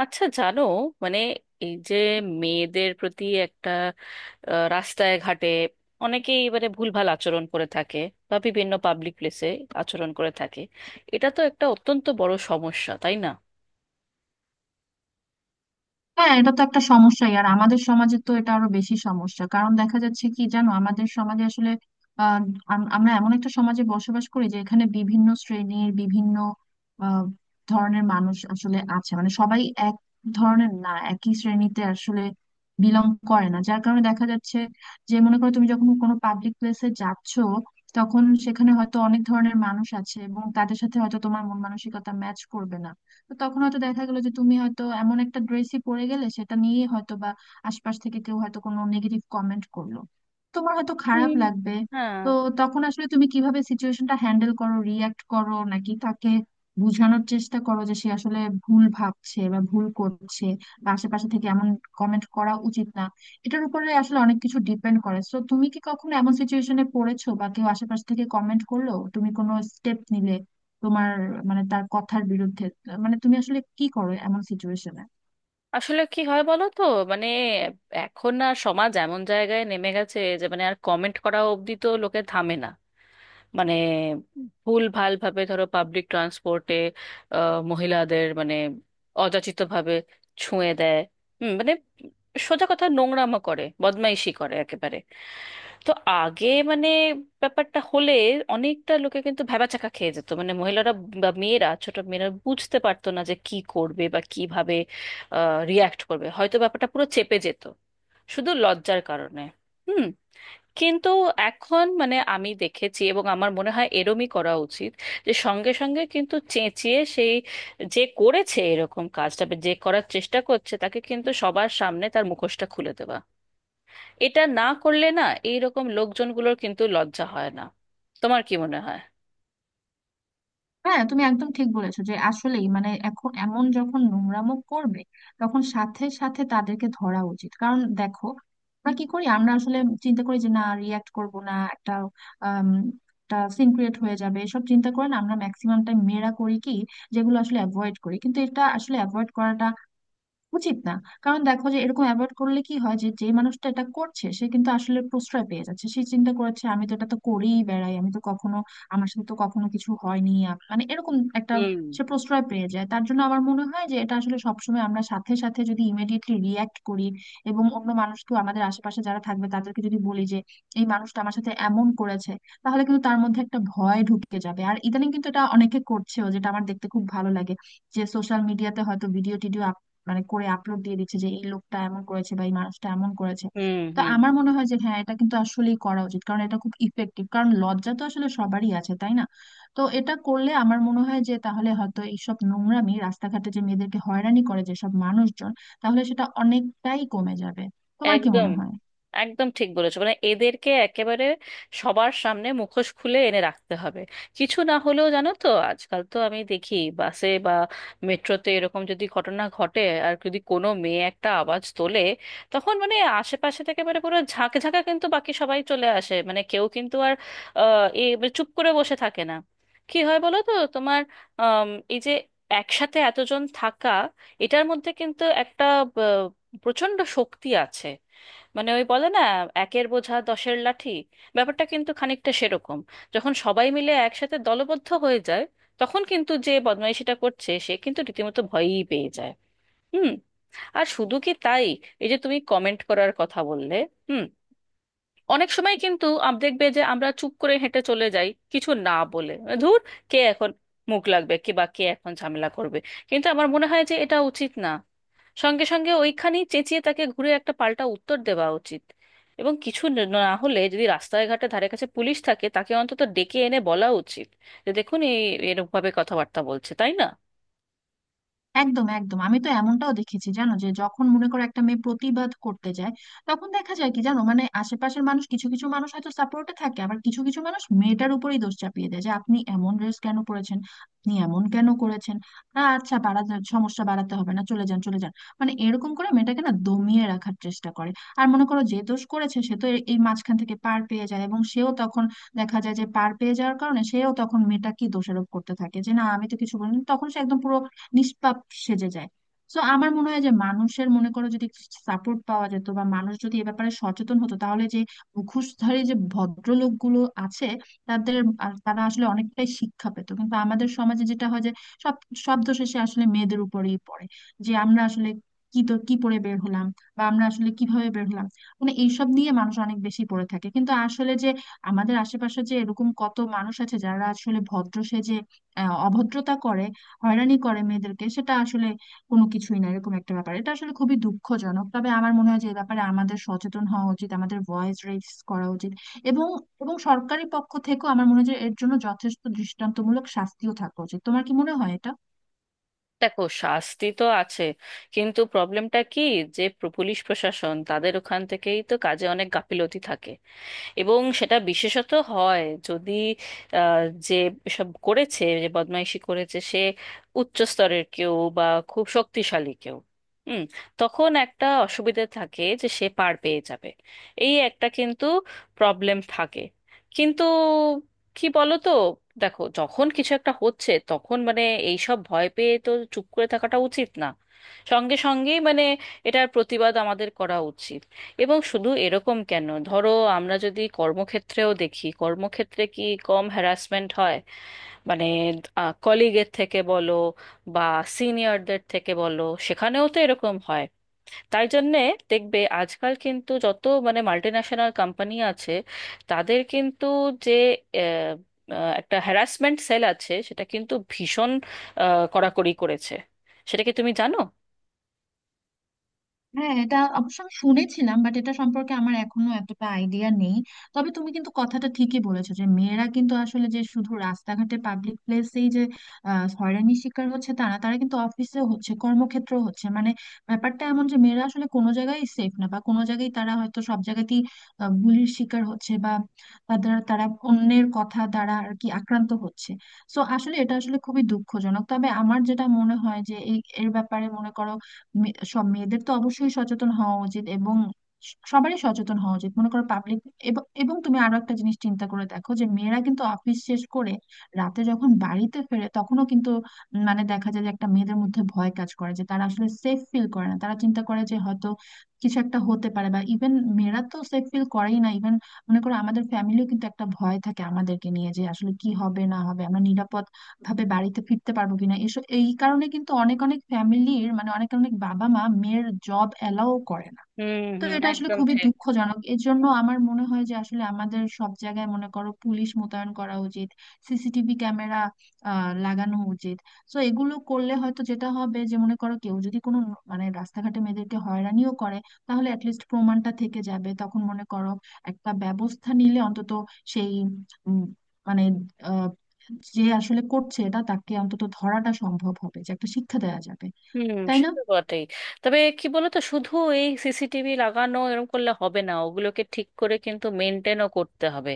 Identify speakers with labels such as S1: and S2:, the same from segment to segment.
S1: আচ্ছা, জানো, মানে, এই যে মেয়েদের প্রতি একটা রাস্তায় ঘাটে অনেকেই এবারে ভুলভাল আচরণ করে থাকে, বা বিভিন্ন পাবলিক প্লেসে আচরণ করে থাকে। এটা তো একটা অত্যন্ত বড় সমস্যা, তাই না?
S2: হ্যাঁ, এটা তো একটা সমস্যাই। আর আমাদের সমাজে তো এটা আরো বেশি সমস্যা, কারণ দেখা যাচ্ছে কি জানো, আমাদের সমাজে আসলে আহ, আমরা এমন একটা সমাজে বসবাস করি যে এখানে বিভিন্ন শ্রেণীর বিভিন্ন আহ, ধরনের মানুষ আসলে আছে। মানে সবাই এক ধরনের না, একই শ্রেণীতে আসলে বিলং করে না, যার কারণে দেখা যাচ্ছে যে মনে করো, তুমি যখন কোনো পাবলিক প্লেসে যাচ্ছ, তখন সেখানে হয়তো অনেক ধরনের মানুষ আছে এবং তাদের সাথে হয়তো তোমার মন মানসিকতা ম্যাচ করবে না। তো তখন হয়তো দেখা গেলো যে তুমি হয়তো এমন একটা ড্রেসই পরে গেলে, সেটা নিয়ে হয়তো বা আশপাশ থেকে কেউ হয়তো কোনো নেগেটিভ কমেন্ট করলো, তোমার হয়তো খারাপ
S1: হুম,
S2: লাগবে।
S1: হ্যাঁ।
S2: তো তখন আসলে তুমি কিভাবে সিচুয়েশনটা হ্যান্ডেল করো? রিয়াক্ট করো, নাকি তাকে বোঝানোর চেষ্টা করো যে সে আসলে ভুল ভাবছে বা ভুল করছে, বা আশেপাশে থেকে এমন কমেন্ট করা উচিত না? এটার উপরে আসলে অনেক কিছু ডিপেন্ড করে। তো তুমি কি কখনো এমন সিচুয়েশনে পড়েছো? বা কেউ আশেপাশ থেকে কমেন্ট করলো, তুমি কোনো স্টেপ নিলে তোমার, মানে তার কথার বিরুদ্ধে, মানে তুমি আসলে কি করো এমন সিচুয়েশনে?
S1: আসলে কি হয় বলো তো? মানে, এখন আর সমাজ এমন জায়গায় নেমে গেছে যে মানে আর কমেন্ট করা অবধি তো লোকে থামে না। মানে, ভুল ভাল ভাবে ধরো, পাবলিক ট্রান্সপোর্টে মহিলাদের মানে অযাচিত ভাবে ছুঁয়ে দেয়। মানে সোজা কথা নোংরামো করে, বদমাইশি করে একেবারে। তো আগে, মানে, ব্যাপারটা হলে অনেকটা লোকে কিন্তু ভ্যাবাচ্যাকা খেয়ে যেত, মানে মহিলারা বা মেয়েরা, ছোট মেয়েরা বুঝতে পারতো না যে কি করবে বা কিভাবে রিয়াক্ট করবে। হয়তো ব্যাপারটা পুরো চেপে যেত শুধু লজ্জার কারণে। হুম। কিন্তু এখন মানে আমি দেখেছি, এবং আমার মনে হয় এরমই করা উচিত, যে সঙ্গে সঙ্গে কিন্তু চেঁচিয়ে সেই, যে করেছে এরকম কাজটা বা যে করার চেষ্টা করছে, তাকে কিন্তু সবার সামনে তার মুখোশটা খুলে দেওয়া। এটা না করলে না, এইরকম লোকজনগুলোর কিন্তু লজ্জা হয় না। তোমার কি মনে হয়?
S2: হ্যাঁ, তুমি একদম ঠিক বলেছো যে আসলেই, মানে এখন এমন যখন নোংরামো করবে, তখন সাথে সাথে তাদেরকে ধরা উচিত। কারণ দেখো, আমরা কি করি, আমরা আসলে চিন্তা করি যে না, রিয়াক্ট করব না, একটা আম, একটা সিন ক্রিয়েট হয়ে যাবে এসব চিন্তা করে না আমরা ম্যাক্সিমাম টাইম, মেয়েরা করি কি, যেগুলো আসলে অ্যাভয়েড করি, কিন্তু এটা আসলে অ্যাভয়েড করাটা উচিত না। কারণ দেখো যে এরকম অ্যাভয়েড করলে কি হয়, যে যে মানুষটা এটা করছে সে কিন্তু আসলে প্রশ্রয় পেয়ে যাচ্ছে। সে চিন্তা করেছে, আমি তো এটা তো করেই বেড়াই, আমি তো কখনো, আমার সাথে তো কখনো কিছু হয়নি। মানে এরকম একটা,
S1: হুম,
S2: সে প্রশ্রয় পেয়ে যায়। তার জন্য আমার মনে হয় যে এটা আসলে সবসময় আমরা সাথে সাথে যদি ইমিডিয়েটলি রিয়াক্ট করি এবং অন্য মানুষকেও আমাদের আশেপাশে যারা থাকবে তাদেরকে যদি বলি যে এই মানুষটা আমার সাথে এমন করেছে, তাহলে কিন্তু তার মধ্যে একটা ভয় ঢুকে যাবে। আর ইদানিং কিন্তু এটা অনেকে করছেও, যেটা আমার দেখতে খুব ভালো লাগে, যে সোশ্যাল মিডিয়াতে হয়তো ভিডিও টিডিও মানে করে আপলোড দিয়ে দিচ্ছে যে এই লোকটা এমন করেছে বা এই মানুষটা এমন করেছে।
S1: হুম,
S2: তো
S1: হুম।
S2: আমার মনে হয় যে হ্যাঁ, এটা কিন্তু আসলেই করা উচিত, কারণ এটা খুব ইফেক্টিভ। কারণ লজ্জা তো আসলে সবারই আছে, তাই না? তো এটা করলে আমার মনে হয় যে তাহলে হয়তো এইসব নোংরামি রাস্তাঘাটে, যে মেয়েদেরকে হয়রানি করে যেসব মানুষজন, তাহলে সেটা অনেকটাই কমে যাবে। তোমার কি
S1: একদম,
S2: মনে হয়?
S1: একদম ঠিক বলেছো, মানে এদেরকে একেবারে সবার সামনে মুখোশ খুলে এনে রাখতে হবে। কিছু না হলেও জানো তো, আজকাল তো আমি দেখি বাসে বা মেট্রোতে এরকম যদি ঘটনা ঘটে, আর যদি কোনো মেয়ে একটা আওয়াজ তোলে, তখন মানে আশেপাশে থেকে মানে পুরো ঝাঁকে ঝাঁকে কিন্তু বাকি সবাই চলে আসে, মানে কেউ কিন্তু আর আহ, এ মানে চুপ করে বসে থাকে না। কি হয় বলো তো তোমার? আম, এই যে একসাথে এতজন থাকা, এটার মধ্যে কিন্তু একটা প্রচন্ড শক্তি আছে। মানে, ওই বলে না, একের বোঝা দশের লাঠি, ব্যাপারটা কিন্তু খানিকটা সেরকম। যখন সবাই মিলে একসাথে দলবদ্ধ হয়ে যায়, তখন কিন্তু যে বদমাইশিটা করছে সে কিন্তু রীতিমতো ভয়ই পেয়ে যায়। হুম। আর শুধু কি তাই? এই যে তুমি কমেন্ট করার কথা বললে। হুম। অনেক সময় কিন্তু দেখবে যে আমরা চুপ করে হেঁটে চলে যাই কিছু না বলে, মানে, ধুর, কে এখন মুখ লাগবে, কে বা কে এখন ঝামেলা করবে। কিন্তু আমার মনে হয় যে এটা উচিত না। সঙ্গে সঙ্গে ওইখানেই চেঁচিয়ে তাকে ঘুরে একটা পাল্টা উত্তর দেওয়া উচিত, এবং কিছু না হলে যদি রাস্তায় ঘাটে ধারে কাছে পুলিশ থাকে, তাকে অন্তত ডেকে এনে বলা উচিত যে দেখুন, এই এরকম ভাবে কথাবার্তা বলছে, তাই না?
S2: একদম, একদম। আমি তো এমনটাও দেখেছি জানো, যে যখন মনে করো একটা মেয়ে প্রতিবাদ করতে যায়, তখন দেখা যায় কি জানো, মানে আশেপাশের মানুষ, কিছু কিছু মানুষ হয়তো সাপোর্টে থাকে, আবার কিছু কিছু মানুষ মেয়েটার উপরেই দোষ চাপিয়ে দেয় যে আপনি এমন ড্রেস কেন পরেছেন, আপনি এমন কেন করেছেন, না আচ্ছা বাড়াতে, সমস্যা বাড়াতে হবে না, চলে যান, চলে যান। মানে এরকম করে মেয়েটাকে না দমিয়ে রাখার চেষ্টা করে। আর মনে করো যে দোষ করেছে, সে তো এই মাঝখান থেকে পার পেয়ে যায়, এবং সেও তখন, দেখা যায় যে পার পেয়ে যাওয়ার কারণে সেও তখন মেয়েটা কি দোষারোপ করতে থাকে যে না, আমি তো কিছু বলিনি, তখন সে একদম পুরো নিষ্পাপ সেজে যায়। তো আমার মনে হয় যে মানুষের, মনে করো যদি সাপোর্ট পাওয়া যেত বা মানুষ যদি এ ব্যাপারে সচেতন হতো, তাহলে যে মুখোশধারী যে ভদ্রলোকগুলো আছে তাদের, আর তারা আসলে অনেকটাই শিক্ষা পেত। কিন্তু আমাদের সমাজে যেটা হয় যে সব সব দোষ এসে আসলে মেয়েদের উপরেই পড়ে, যে আমরা আসলে কি, তো কি পরে বের হলাম, বা আমরা আসলে কিভাবে বের হলাম, মানে এইসব নিয়ে মানুষ অনেক বেশি পড়ে থাকে। কিন্তু আসলে যে আমাদের আশেপাশে যে এরকম কত মানুষ আছে, যারা আসলে ভদ্র সেজে অভদ্রতা করে, হয়রানি করে মেয়েদেরকে, সেটা আসলে কোনো কিছুই না এরকম একটা ব্যাপার। এটা আসলে খুবই দুঃখজনক। তবে আমার মনে হয় যে এ ব্যাপারে আমাদের সচেতন হওয়া উচিত, আমাদের ভয়েস রেজ করা উচিত, এবং এবং সরকারি পক্ষ থেকেও আমার মনে হয় যে এর জন্য যথেষ্ট দৃষ্টান্তমূলক শাস্তিও থাকা উচিত। তোমার কি মনে হয় এটা?
S1: দেখো, শাস্তি তো আছে, কিন্তু প্রবলেমটা কি, যে পুলিশ প্রশাসন তাদের ওখান থেকেই তো কাজে অনেক গাফিলতি থাকে। এবং সেটা বিশেষত হয় যদি আহ, যে সব করেছে, যে বদমাইশি করেছে, সে উচ্চ স্তরের কেউ, বা খুব শক্তিশালী কেউ। হুম। তখন একটা অসুবিধা থাকে যে সে পার পেয়ে যাবে। এই একটা কিন্তু প্রবলেম থাকে। কিন্তু কি বলো তো, দেখো, যখন কিছু একটা হচ্ছে তখন মানে এইসব ভয় পেয়ে তো চুপ করে থাকাটা উচিত না। সঙ্গে সঙ্গেই মানে এটার প্রতিবাদ আমাদের করা উচিত। এবং শুধু এরকম কেন, ধরো আমরা যদি কর্মক্ষেত্রেও দেখি, কর্মক্ষেত্রে কি কম হ্যারাসমেন্ট হয়? মানে, কলিগের থেকে বলো, বা সিনিয়রদের থেকে বলো, সেখানেও তো এরকম হয়। তাই জন্যে দেখবে আজকাল কিন্তু যত মানে মাল্টিন্যাশনাল কোম্পানি আছে, তাদের কিন্তু যে আহ, আহ, একটা হ্যারাসমেন্ট সেল আছে, সেটা কিন্তু ভীষণ কড়াকড়ি করেছে। সেটা কি তুমি জানো?
S2: হ্যাঁ, এটা অবশ্য আমি শুনেছিলাম, বাট এটা সম্পর্কে আমার এখনো এতটা আইডিয়া নেই। তবে তুমি কিন্তু কথাটা ঠিকই বলেছো যে মেয়েরা কিন্তু আসলে যে শুধু রাস্তাঘাটে পাবলিক প্লেসেই যে হয়রানির শিকার হচ্ছে তা না, তারা কিন্তু অফিসে হচ্ছে, কর্মক্ষেত্র হচ্ছে, মানে ব্যাপারটা এমন যে মেয়েরা আসলে কোনো জায়গায় সেফ না, বা কোনো জায়গায় তারা হয়তো, সব জায়গাতেই বুলির শিকার হচ্ছে, বা তাদের, তারা অন্যের কথা দ্বারা আর কি আক্রান্ত হচ্ছে। সো আসলে এটা আসলে খুবই দুঃখজনক। তবে আমার যেটা মনে হয় যে এই এর ব্যাপারে মনে করো সব মেয়েদের তো অবশ্যই সচেতন হওয়া উচিত, এবং সবারই সচেতন হওয়া উচিত। মনে করো পাবলিক। এবং তুমি আরো একটা জিনিস চিন্তা করে দেখো যে মেয়েরা কিন্তু অফিস শেষ করে রাতে যখন বাড়িতে ফেরে, তখনও কিন্তু মানে দেখা যায় যে একটা, মেয়েদের মধ্যে ভয় কাজ করে, যে তারা আসলে সেফ ফিল করে না। তারা চিন্তা করে যে হয়তো কিছু একটা হতে পারে। বা ইভেন মেয়েরা তো সেফ ফিল করেই না, ইভেন মনে করো আমাদের ফ্যামিলিও, কিন্তু একটা ভয় থাকে আমাদেরকে নিয়ে, যে আসলে কি হবে না হবে, আমরা নিরাপদ ভাবে বাড়িতে ফিরতে পারবো কিনা এসব। এই কারণে কিন্তু অনেক অনেক ফ্যামিলির, মানে অনেক অনেক বাবা মা মেয়ের জব অ্যালাউ করে না।
S1: হুম,
S2: তো
S1: হুম,
S2: এটা আসলে
S1: একদম
S2: খুবই
S1: ঠিক।
S2: দুঃখজনক। এর জন্য আমার মনে হয় যে আসলে আমাদের সব জায়গায় মনে করো পুলিশ মোতায়েন করা উচিত, সিসিটিভি ক্যামেরা আহ লাগানো উচিত। তো এগুলো করলে হয়তো যেটা হবে যে মনে করো কেউ যদি কোনো মানে রাস্তাঘাটে মেয়েদেরকে হয়রানিও করে, তাহলে অ্যাটলিস্ট প্রমাণটা থেকে যাবে। তখন মনে করো একটা ব্যবস্থা নিলে অন্তত সেই, উম, মানে আহ, যে আসলে করছে এটা, তাকে অন্তত ধরাটা সম্ভব হবে, যে একটা শিক্ষা দেওয়া যাবে।
S1: হুম,
S2: তাই
S1: সে
S2: না?
S1: তো বটেই। তবে কি বলতো, শুধু এই সিসিটিভি লাগানো এরকম করলে হবে না, ওগুলোকে ঠিক করে কিন্তু মেনটেনও করতে হবে।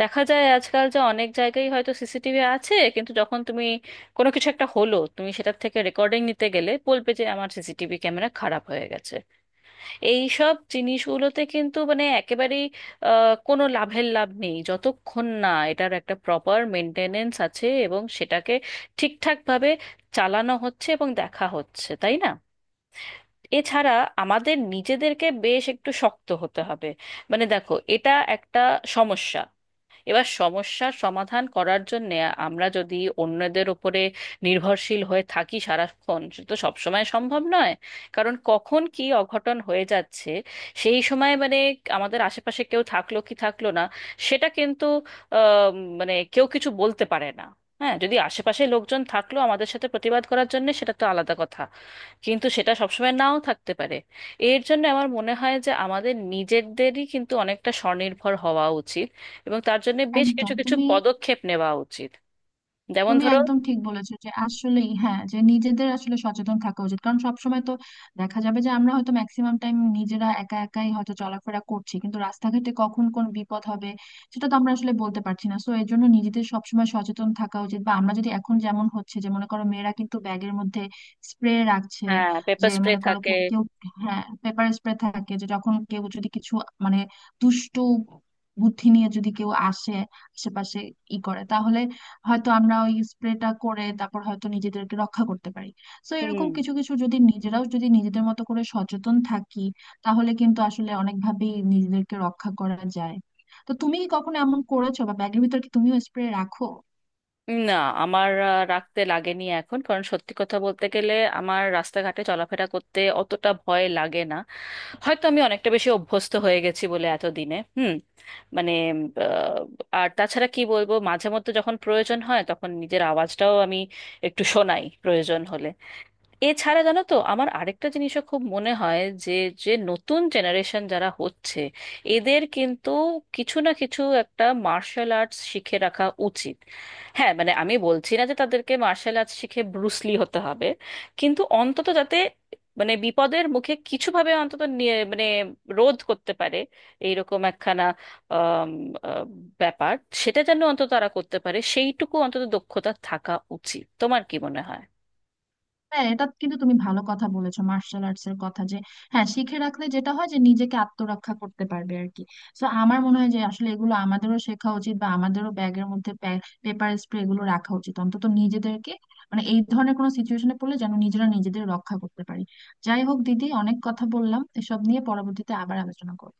S1: দেখা যায় আজকাল যে অনেক জায়গায় হয়তো সিসিটিভি আছে, কিন্তু যখন তুমি, কোনো কিছু একটা হলো তুমি সেটার থেকে রেকর্ডিং নিতে গেলে, বলবে যে আমার সিসিটিভি ক্যামেরা খারাপ হয়ে গেছে। এই সব জিনিসগুলোতে কিন্তু মানে একেবারেই কোনো লাভের লাভ নেই যতক্ষণ না এটার একটা প্রপার মেনটেনেন্স আছে এবং সেটাকে ঠিকঠাকভাবে চালানো হচ্ছে এবং দেখা হচ্ছে, তাই না? এছাড়া আমাদের নিজেদেরকে বেশ একটু শক্ত হতে হবে। মানে দেখো, এটা একটা সমস্যা। এবার সমস্যার সমাধান করার জন্য আমরা যদি অন্যদের উপরে নির্ভরশীল হয়ে থাকি সারাক্ষণ, সে তো সবসময় সম্ভব নয়। কারণ কখন কি অঘটন হয়ে যাচ্ছে, সেই সময় মানে আমাদের আশেপাশে কেউ থাকলো কি থাকলো না, সেটা কিন্তু আহ, মানে কেউ কিছু বলতে পারে না। হ্যাঁ, যদি আশেপাশে লোকজন থাকলো আমাদের সাথে প্রতিবাদ করার জন্য, সেটা তো আলাদা কথা, কিন্তু সেটা সবসময় নাও থাকতে পারে। এর জন্য আমার মনে হয় যে আমাদের নিজেদেরই কিন্তু অনেকটা স্বনির্ভর হওয়া উচিত, এবং তার জন্য বেশ
S2: একদম।
S1: কিছু কিছু
S2: তুমি
S1: পদক্ষেপ নেওয়া উচিত। যেমন
S2: তুমি
S1: ধরো।
S2: একদম ঠিক বলেছো যে আসলেই হ্যাঁ, যে নিজেদের আসলে সচেতন থাকা উচিত, কারণ সবসময় তো দেখা যাবে যে আমরা হয়তো ম্যাক্সিমাম টাইম নিজেরা একা একাই হয়তো চলাফেরা করছি, কিন্তু রাস্তাঘাটে কখন কোন বিপদ হবে সেটা তো আমরা আসলে বলতে পারছি না। সো এর জন্য নিজেদের সবসময় সচেতন থাকা উচিত, বা আমরা যদি এখন যেমন হচ্ছে যে মনে করো মেয়েরা কিন্তু ব্যাগের মধ্যে স্প্রে রাখছে,
S1: হ্যাঁ, পেপার
S2: যে
S1: স্প্রে
S2: মনে করো
S1: থাকে।
S2: কেউ, হ্যাঁ পেপার স্প্রে থাকে, যে যখন কেউ যদি কিছু, মানে দুষ্ট বুদ্ধি নিয়ে যদি কেউ আসে আশেপাশে ই করে, তাহলে হয়তো আমরা ওই স্প্রেটা করে তারপর হয়তো নিজেদেরকে রক্ষা করতে পারি। তো এরকম
S1: হুম।
S2: কিছু কিছু যদি নিজেরাও, যদি নিজেদের মতো করে সচেতন থাকি, তাহলে কিন্তু আসলে অনেকভাবেই নিজেদেরকে রক্ষা করা যায়। তো তুমি কি কখনো এমন করেছো বা ব্যাগের ভিতর কি তুমিও স্প্রে রাখো?
S1: না, আমার রাখতে লাগেনি এখন, কারণ সত্যি কথা বলতে গেলে আমার রাস্তাঘাটে চলাফেরা করতে অতটা ভয় লাগে না। হয়তো আমি অনেকটা বেশি অভ্যস্ত হয়ে গেছি বলে এতদিনে। হুম, মানে, আহ, আর তাছাড়া কি বলবো, মাঝে মধ্যে যখন প্রয়োজন হয় তখন নিজের আওয়াজটাও আমি একটু শোনাই, প্রয়োজন হলে। এছাড়া জানো তো, আমার আরেকটা জিনিসও খুব মনে হয়, যে যে নতুন জেনারেশন যারা হচ্ছে, এদের কিন্তু কিছু না কিছু একটা মার্শাল আর্টস শিখে রাখা উচিত। হ্যাঁ, মানে আমি বলছি না যে তাদেরকে মার্শাল আর্টস শিখে ব্রুসলি হতে হবে, কিন্তু অন্তত যাতে মানে বিপদের মুখে কিছুভাবে অন্তত নিয়ে মানে রোধ করতে পারে, এইরকম একখানা আম, আহ, ব্যাপার, সেটা যেন অন্তত তারা করতে পারে, সেইটুকু অন্তত দক্ষতা থাকা উচিত। তোমার কি মনে হয়?
S2: হ্যাঁ, এটা কিন্তু তুমি ভালো কথা বলেছো, মার্শাল আর্টস এর কথা, যে হ্যাঁ, শিখে রাখলে যেটা হয় যে নিজেকে আত্মরক্ষা করতে পারবে আর কি। তো আমার মনে হয় যে আসলে এগুলো আমাদেরও শেখা উচিত, বা আমাদেরও ব্যাগের মধ্যে পেপার স্প্রে এগুলো রাখা উচিত, অন্তত নিজেদেরকে, মানে এই ধরনের কোনো সিচুয়েশনে পড়লে যেন নিজেরা নিজেদের রক্ষা করতে পারি। যাই হোক দিদি, অনেক কথা বললাম এসব নিয়ে, পরবর্তীতে আবার আলোচনা করবো।